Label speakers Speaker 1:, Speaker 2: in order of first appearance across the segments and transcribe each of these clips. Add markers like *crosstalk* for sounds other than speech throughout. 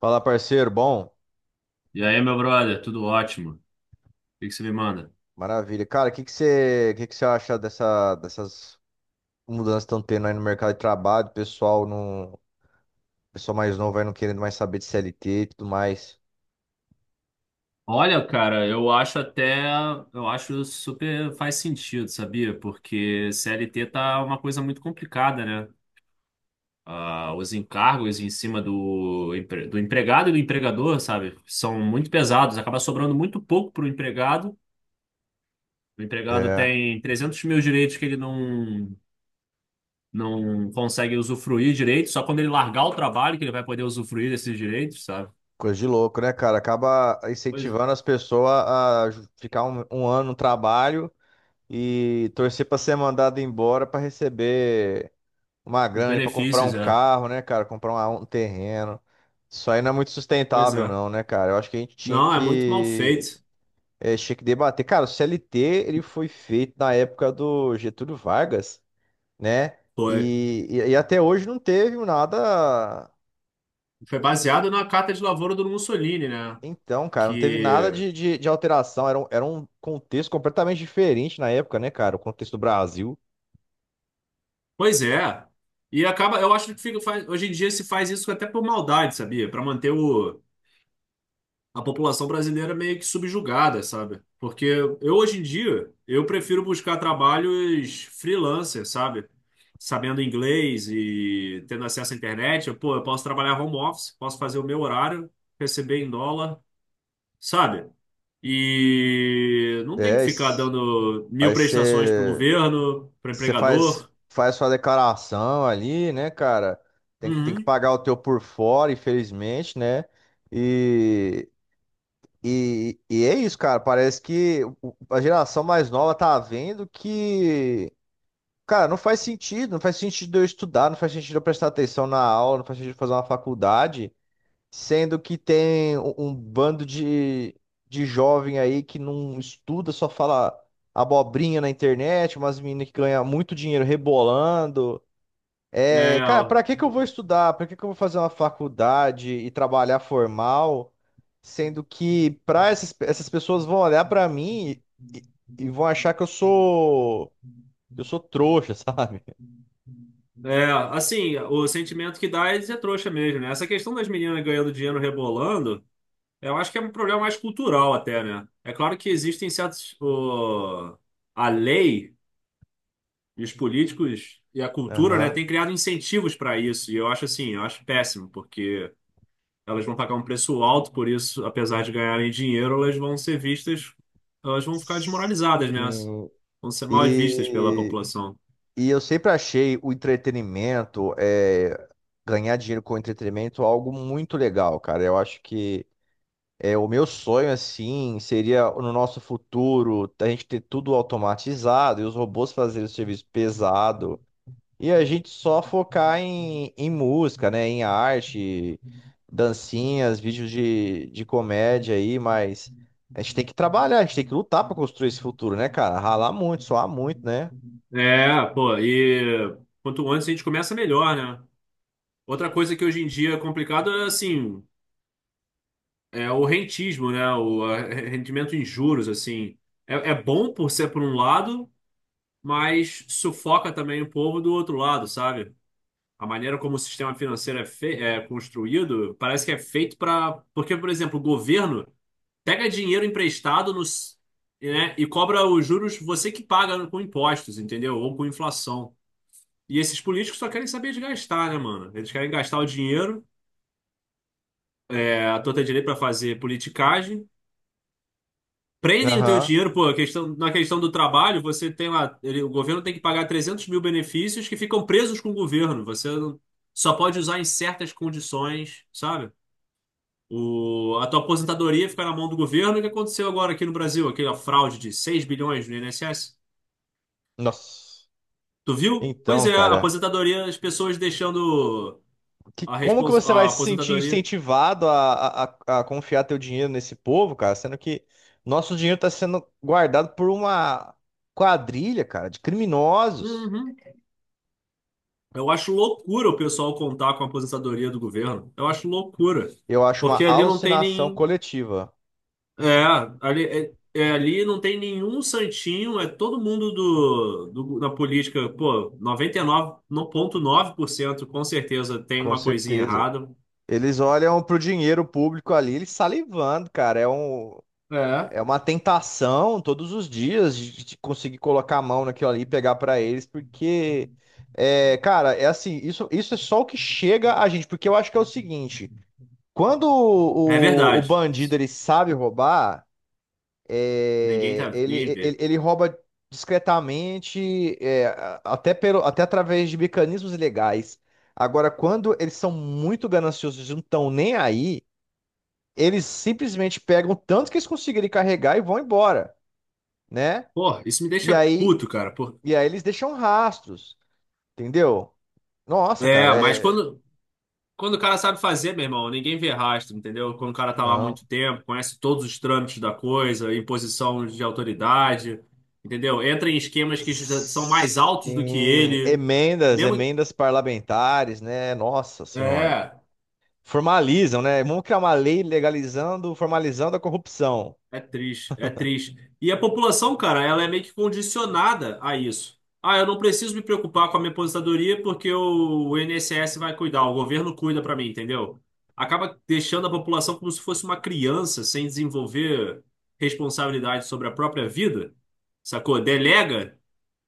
Speaker 1: Fala, parceiro. Bom,
Speaker 2: E aí, meu brother, tudo ótimo? O que que você me manda?
Speaker 1: maravilha. Cara, o que que você acha dessas mudanças que estão tendo aí no mercado de trabalho? O pessoal mais novo aí não querendo mais saber de CLT e tudo mais.
Speaker 2: Olha, cara, eu acho super faz sentido, sabia? Porque CLT tá uma coisa muito complicada, né? Ah, os encargos em cima do empregado e do empregador, sabe? São muito pesados, acaba sobrando muito pouco pro empregado. O empregado
Speaker 1: É,
Speaker 2: tem 300 mil direitos que ele não consegue usufruir direito, só quando ele largar o trabalho que ele vai poder usufruir desses direitos, sabe?
Speaker 1: coisa de louco, né, cara? Acaba
Speaker 2: Pois, é.
Speaker 1: incentivando as pessoas a ficar um ano no trabalho e torcer pra ser mandado embora pra receber uma
Speaker 2: Os
Speaker 1: grana para comprar um
Speaker 2: benefícios, é.
Speaker 1: carro, né, cara? Comprar um terreno. Isso aí não é muito
Speaker 2: Pois
Speaker 1: sustentável,
Speaker 2: é.
Speaker 1: não, né, cara? Eu acho que a gente tinha
Speaker 2: Não, é muito mal
Speaker 1: que
Speaker 2: feito.
Speaker 1: Tinha que debater. Cara, o CLT ele foi feito na época do Getúlio Vargas, né?
Speaker 2: Foi.
Speaker 1: E até hoje não teve nada.
Speaker 2: Foi baseado na carta de lavoura do Mussolini, né?
Speaker 1: Então, cara, não teve nada
Speaker 2: Que.
Speaker 1: de alteração. Era um contexto completamente diferente na época, né, cara? O contexto do Brasil.
Speaker 2: Pois é. E acaba. Eu acho que hoje em dia se faz isso até por maldade, sabia? Para manter a população brasileira meio que subjugada, sabe? Porque eu, hoje em dia, eu prefiro buscar trabalhos freelancer, sabe? Sabendo inglês e tendo acesso à internet. Eu, pô, eu posso trabalhar home office, posso fazer o meu horário, receber em dólar, sabe? E não tem que
Speaker 1: É,
Speaker 2: ficar
Speaker 1: es-
Speaker 2: dando mil
Speaker 1: aí
Speaker 2: prestações para o
Speaker 1: você
Speaker 2: governo, para o
Speaker 1: você faz,
Speaker 2: empregador.
Speaker 1: faz sua declaração ali, né, cara? Tem que
Speaker 2: Uhum.
Speaker 1: pagar o teu por fora, infelizmente, né? E é isso, cara. Parece que a geração mais nova tá vendo que, cara, não faz sentido. Não faz sentido eu estudar, não faz sentido eu prestar atenção na aula, não faz sentido eu fazer uma faculdade, sendo que tem um bando de jovem aí que não estuda, só fala abobrinha na internet, umas meninas que ganham muito dinheiro rebolando. É,
Speaker 2: É,
Speaker 1: cara,
Speaker 2: ó.
Speaker 1: pra que que eu vou estudar? Pra que que eu vou fazer uma faculdade e trabalhar formal, sendo que pra essas pessoas vão olhar pra mim e, e vão achar que eu sou trouxa, *laughs* sabe?
Speaker 2: É, assim, o sentimento que dá é de ser trouxa mesmo, né? Essa questão das meninas ganhando dinheiro rebolando, eu acho que é um problema mais cultural até, né? É claro que existem certos. A lei. E os políticos e a cultura, né,
Speaker 1: Aham.
Speaker 2: têm criado incentivos para isso. E eu acho assim, eu acho péssimo, porque elas vão pagar um preço alto por isso, apesar de ganharem dinheiro, elas vão ser vistas, elas vão ficar desmoralizadas, né?
Speaker 1: Sim.
Speaker 2: Vão ser mal vistas pela
Speaker 1: E,
Speaker 2: população.
Speaker 1: e eu sempre achei o entretenimento, ganhar dinheiro com entretenimento algo muito legal, cara. Eu acho que o meu sonho, assim, seria no nosso futuro a gente ter tudo automatizado e os robôs fazerem o serviço pesado e a gente só focar em música, né? Em arte, dancinhas, vídeos de comédia aí, mas a gente tem que trabalhar, a gente tem que lutar para construir esse futuro, né, cara? Ralar muito, suar muito, né?
Speaker 2: É, pô, e quanto antes a gente começa, melhor, né? Outra coisa que hoje em dia é complicado é assim, é o rentismo, né? O rendimento em juros, assim. É, é bom por ser por um lado, mas sufoca também o povo do outro lado, sabe? A maneira como o sistema financeiro é, fe é construído parece que é feito para. Porque, por exemplo, o governo pega dinheiro emprestado nos, né, e cobra os juros você que paga com impostos, entendeu? Ou com inflação. E esses políticos só querem saber de gastar, né, mano? Eles querem gastar o dinheiro à torta direito para fazer politicagem. Prendem o teu
Speaker 1: Aham.
Speaker 2: dinheiro, pô, a questão, na questão do trabalho, você tem lá, o governo tem que pagar 300 mil benefícios que ficam presos com o governo. Você não. Só pode usar em certas condições, sabe? A tua aposentadoria fica na mão do governo. O que aconteceu agora aqui no Brasil? Aquela fraude de 6 bilhões no INSS?
Speaker 1: Nossa.
Speaker 2: Tu viu? Pois
Speaker 1: Então,
Speaker 2: é, a
Speaker 1: cara.
Speaker 2: aposentadoria, as pessoas deixando a,
Speaker 1: Como que
Speaker 2: respons,
Speaker 1: você vai
Speaker 2: a
Speaker 1: se sentir
Speaker 2: aposentadoria.
Speaker 1: incentivado a confiar teu dinheiro nesse povo, cara? Sendo que nosso dinheiro está sendo guardado por uma quadrilha, cara, de criminosos.
Speaker 2: Uhum. Eu acho loucura o pessoal contar com a aposentadoria do governo. Eu acho loucura.
Speaker 1: Eu acho uma
Speaker 2: Porque ali não tem
Speaker 1: alucinação
Speaker 2: nem.
Speaker 1: coletiva,
Speaker 2: É, ali não tem nenhum santinho, é todo mundo na política, pô, 99,9% com certeza tem
Speaker 1: com
Speaker 2: uma coisinha
Speaker 1: certeza.
Speaker 2: errada.
Speaker 1: Eles olham pro dinheiro público ali, eles salivando, cara.
Speaker 2: É.
Speaker 1: É uma tentação todos os dias de conseguir colocar a mão naquilo ali e pegar para eles, porque, é, cara, é assim, isso é só o que chega a gente, porque eu acho que é o seguinte. Quando
Speaker 2: É
Speaker 1: o
Speaker 2: verdade.
Speaker 1: bandido ele sabe roubar,
Speaker 2: Ninguém
Speaker 1: é,
Speaker 2: tá, ninguém vê.
Speaker 1: ele rouba discretamente, é, até pelo, até através de mecanismos ilegais. Agora, quando eles são muito gananciosos e não estão nem aí, eles simplesmente pegam o tanto que eles conseguirem carregar e vão embora, né?
Speaker 2: Pô, isso me
Speaker 1: E
Speaker 2: deixa
Speaker 1: aí,
Speaker 2: puto, cara. Por.
Speaker 1: e aí eles deixam rastros, entendeu? Nossa,
Speaker 2: É,
Speaker 1: cara,
Speaker 2: mas
Speaker 1: é...
Speaker 2: quando. Quando o cara sabe fazer, meu irmão, ninguém vê rastro, entendeu? Quando o cara tá lá há
Speaker 1: Não.
Speaker 2: muito tempo, conhece todos os trâmites da coisa, em posição de autoridade, entendeu? Entra em esquemas que já são mais altos do que
Speaker 1: Sim,
Speaker 2: ele. Mesmo.
Speaker 1: emendas parlamentares, né? Nossa Senhora.
Speaker 2: É.
Speaker 1: Formalizam, né? Vamos criar uma lei legalizando, formalizando a corrupção.
Speaker 2: É triste, é triste. E a população, cara, ela é meio que condicionada a isso. Ah, eu não preciso me preocupar com a minha aposentadoria porque o INSS vai cuidar, o governo cuida pra mim, entendeu? Acaba deixando a população como se fosse uma criança sem desenvolver responsabilidade sobre a própria vida, sacou? Delega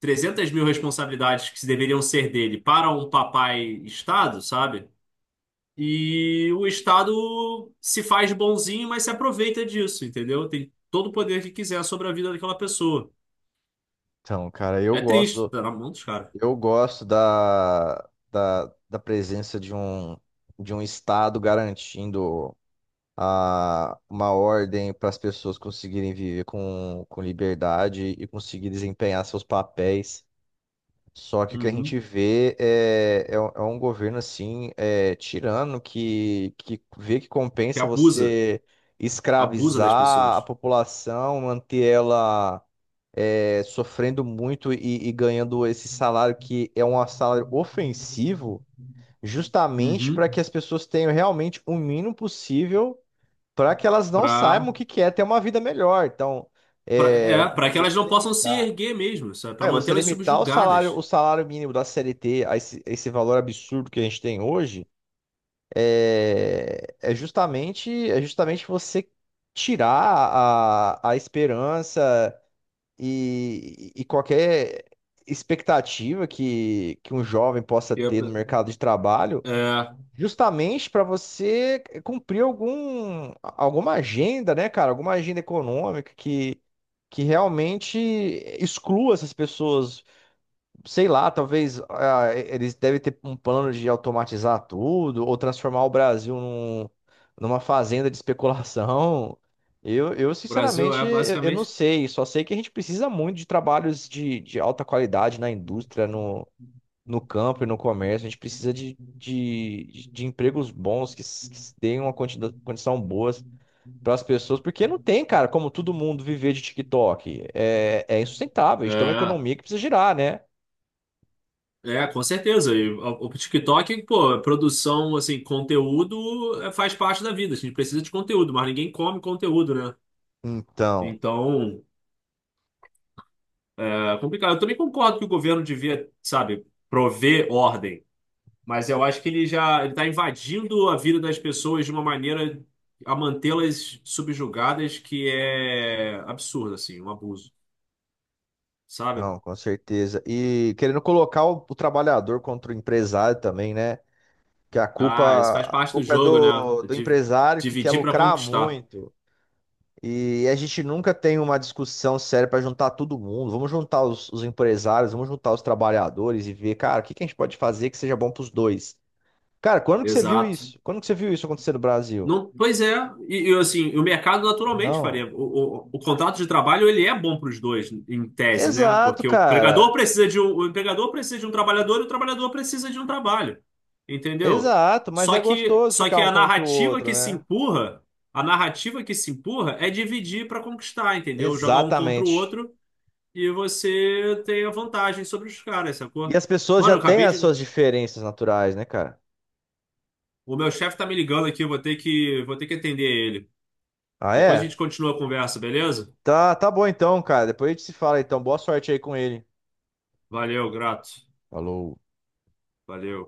Speaker 2: 300 mil responsabilidades que deveriam ser dele para um papai Estado, sabe? E o Estado se faz bonzinho, mas se aproveita disso, entendeu? Tem todo o poder que quiser sobre a vida daquela pessoa.
Speaker 1: Então, cara,
Speaker 2: É triste, tá na mão dos caras.
Speaker 1: eu gosto da presença de um Estado garantindo uma ordem para as pessoas conseguirem viver com liberdade e conseguir desempenhar seus papéis. Só que o que a
Speaker 2: Uhum.
Speaker 1: gente vê é um governo assim, é, tirano, que vê que
Speaker 2: Que
Speaker 1: compensa
Speaker 2: abusa,
Speaker 1: você
Speaker 2: abusa das
Speaker 1: escravizar a
Speaker 2: pessoas.
Speaker 1: população, manter ela sofrendo muito e ganhando esse salário que é um salário ofensivo, justamente
Speaker 2: Uhum.
Speaker 1: para que as pessoas tenham realmente o mínimo possível para que elas não
Speaker 2: Pra,
Speaker 1: saibam o que que é ter uma vida melhor. Então,
Speaker 2: pra,
Speaker 1: é,
Speaker 2: é, pra que
Speaker 1: você
Speaker 2: elas não possam se
Speaker 1: limitar.
Speaker 2: erguer mesmo, sabe? Pra
Speaker 1: É, você
Speaker 2: mantê-las
Speaker 1: limitar
Speaker 2: subjugadas.
Speaker 1: o salário mínimo da CLT a esse valor absurdo que a gente tem hoje é, é justamente você tirar a esperança e qualquer expectativa que um jovem possa
Speaker 2: E a
Speaker 1: ter
Speaker 2: pe-
Speaker 1: no mercado de trabalho,
Speaker 2: É,
Speaker 1: justamente para você cumprir alguma agenda, né, cara? Alguma agenda econômica que realmente exclua essas pessoas. Sei lá, talvez ah, eles devem ter um plano de automatizar tudo ou transformar o Brasil numa fazenda de especulação. Eu
Speaker 2: o Brasil
Speaker 1: sinceramente,
Speaker 2: é
Speaker 1: eu não
Speaker 2: basicamente.
Speaker 1: sei. Só sei que a gente precisa muito de trabalhos de alta qualidade na indústria, no, no campo e no comércio. A gente precisa de empregos bons deem uma condição boa para as pessoas, porque não tem, cara, como todo mundo viver de TikTok. É, é insustentável. A gente tem uma
Speaker 2: É,
Speaker 1: economia que precisa girar, né?
Speaker 2: é, com certeza. E o TikTok, pô, é produção, assim, conteúdo faz parte da vida. A gente precisa de conteúdo, mas ninguém come conteúdo, né?
Speaker 1: Então.
Speaker 2: Então, é complicado. Eu também concordo que o governo devia, sabe, prover ordem. Mas eu acho que ele já ele está invadindo a vida das pessoas de uma maneira a mantê-las subjugadas que é absurdo, assim, um abuso, sabe?
Speaker 1: Não, com certeza. E querendo colocar o trabalhador contra o empresário também, né? Que
Speaker 2: Ah, isso faz
Speaker 1: a
Speaker 2: parte do
Speaker 1: culpa é
Speaker 2: jogo, né?
Speaker 1: do
Speaker 2: De,
Speaker 1: empresário que quer
Speaker 2: dividir para
Speaker 1: lucrar
Speaker 2: conquistar.
Speaker 1: muito. E a gente nunca tem uma discussão séria para juntar todo mundo. Vamos juntar os empresários, vamos juntar os trabalhadores e ver, cara, o que que a gente pode fazer que seja bom para os dois. Cara, quando que você viu
Speaker 2: Exato.
Speaker 1: isso? Quando que você viu isso acontecer no Brasil?
Speaker 2: Não, pois é, assim, o mercado naturalmente
Speaker 1: Não.
Speaker 2: faria. O contrato de trabalho ele é bom para os dois, em tese, né?
Speaker 1: Exato,
Speaker 2: Porque
Speaker 1: cara.
Speaker 2: o empregador precisa de um trabalhador e o trabalhador precisa de um trabalho, entendeu?
Speaker 1: Exato, mas
Speaker 2: Só
Speaker 1: é
Speaker 2: que,
Speaker 1: gostoso
Speaker 2: só que
Speaker 1: ficar um contra o outro, né?
Speaker 2: a narrativa que se empurra é dividir para conquistar, entendeu? Jogar um contra o
Speaker 1: Exatamente.
Speaker 2: outro e você tem a vantagem sobre os caras,
Speaker 1: E
Speaker 2: sacou?
Speaker 1: as pessoas
Speaker 2: Mano,
Speaker 1: já
Speaker 2: eu
Speaker 1: têm
Speaker 2: acabei
Speaker 1: as
Speaker 2: de.
Speaker 1: suas diferenças naturais, né, cara?
Speaker 2: O meu chefe tá me ligando aqui, eu vou ter que atender ele.
Speaker 1: Ah,
Speaker 2: Depois a gente
Speaker 1: é?
Speaker 2: continua a conversa, beleza?
Speaker 1: Tá, tá bom então, cara. Depois a gente se fala então. Boa sorte aí com ele.
Speaker 2: Valeu, grato.
Speaker 1: Falou.
Speaker 2: Valeu.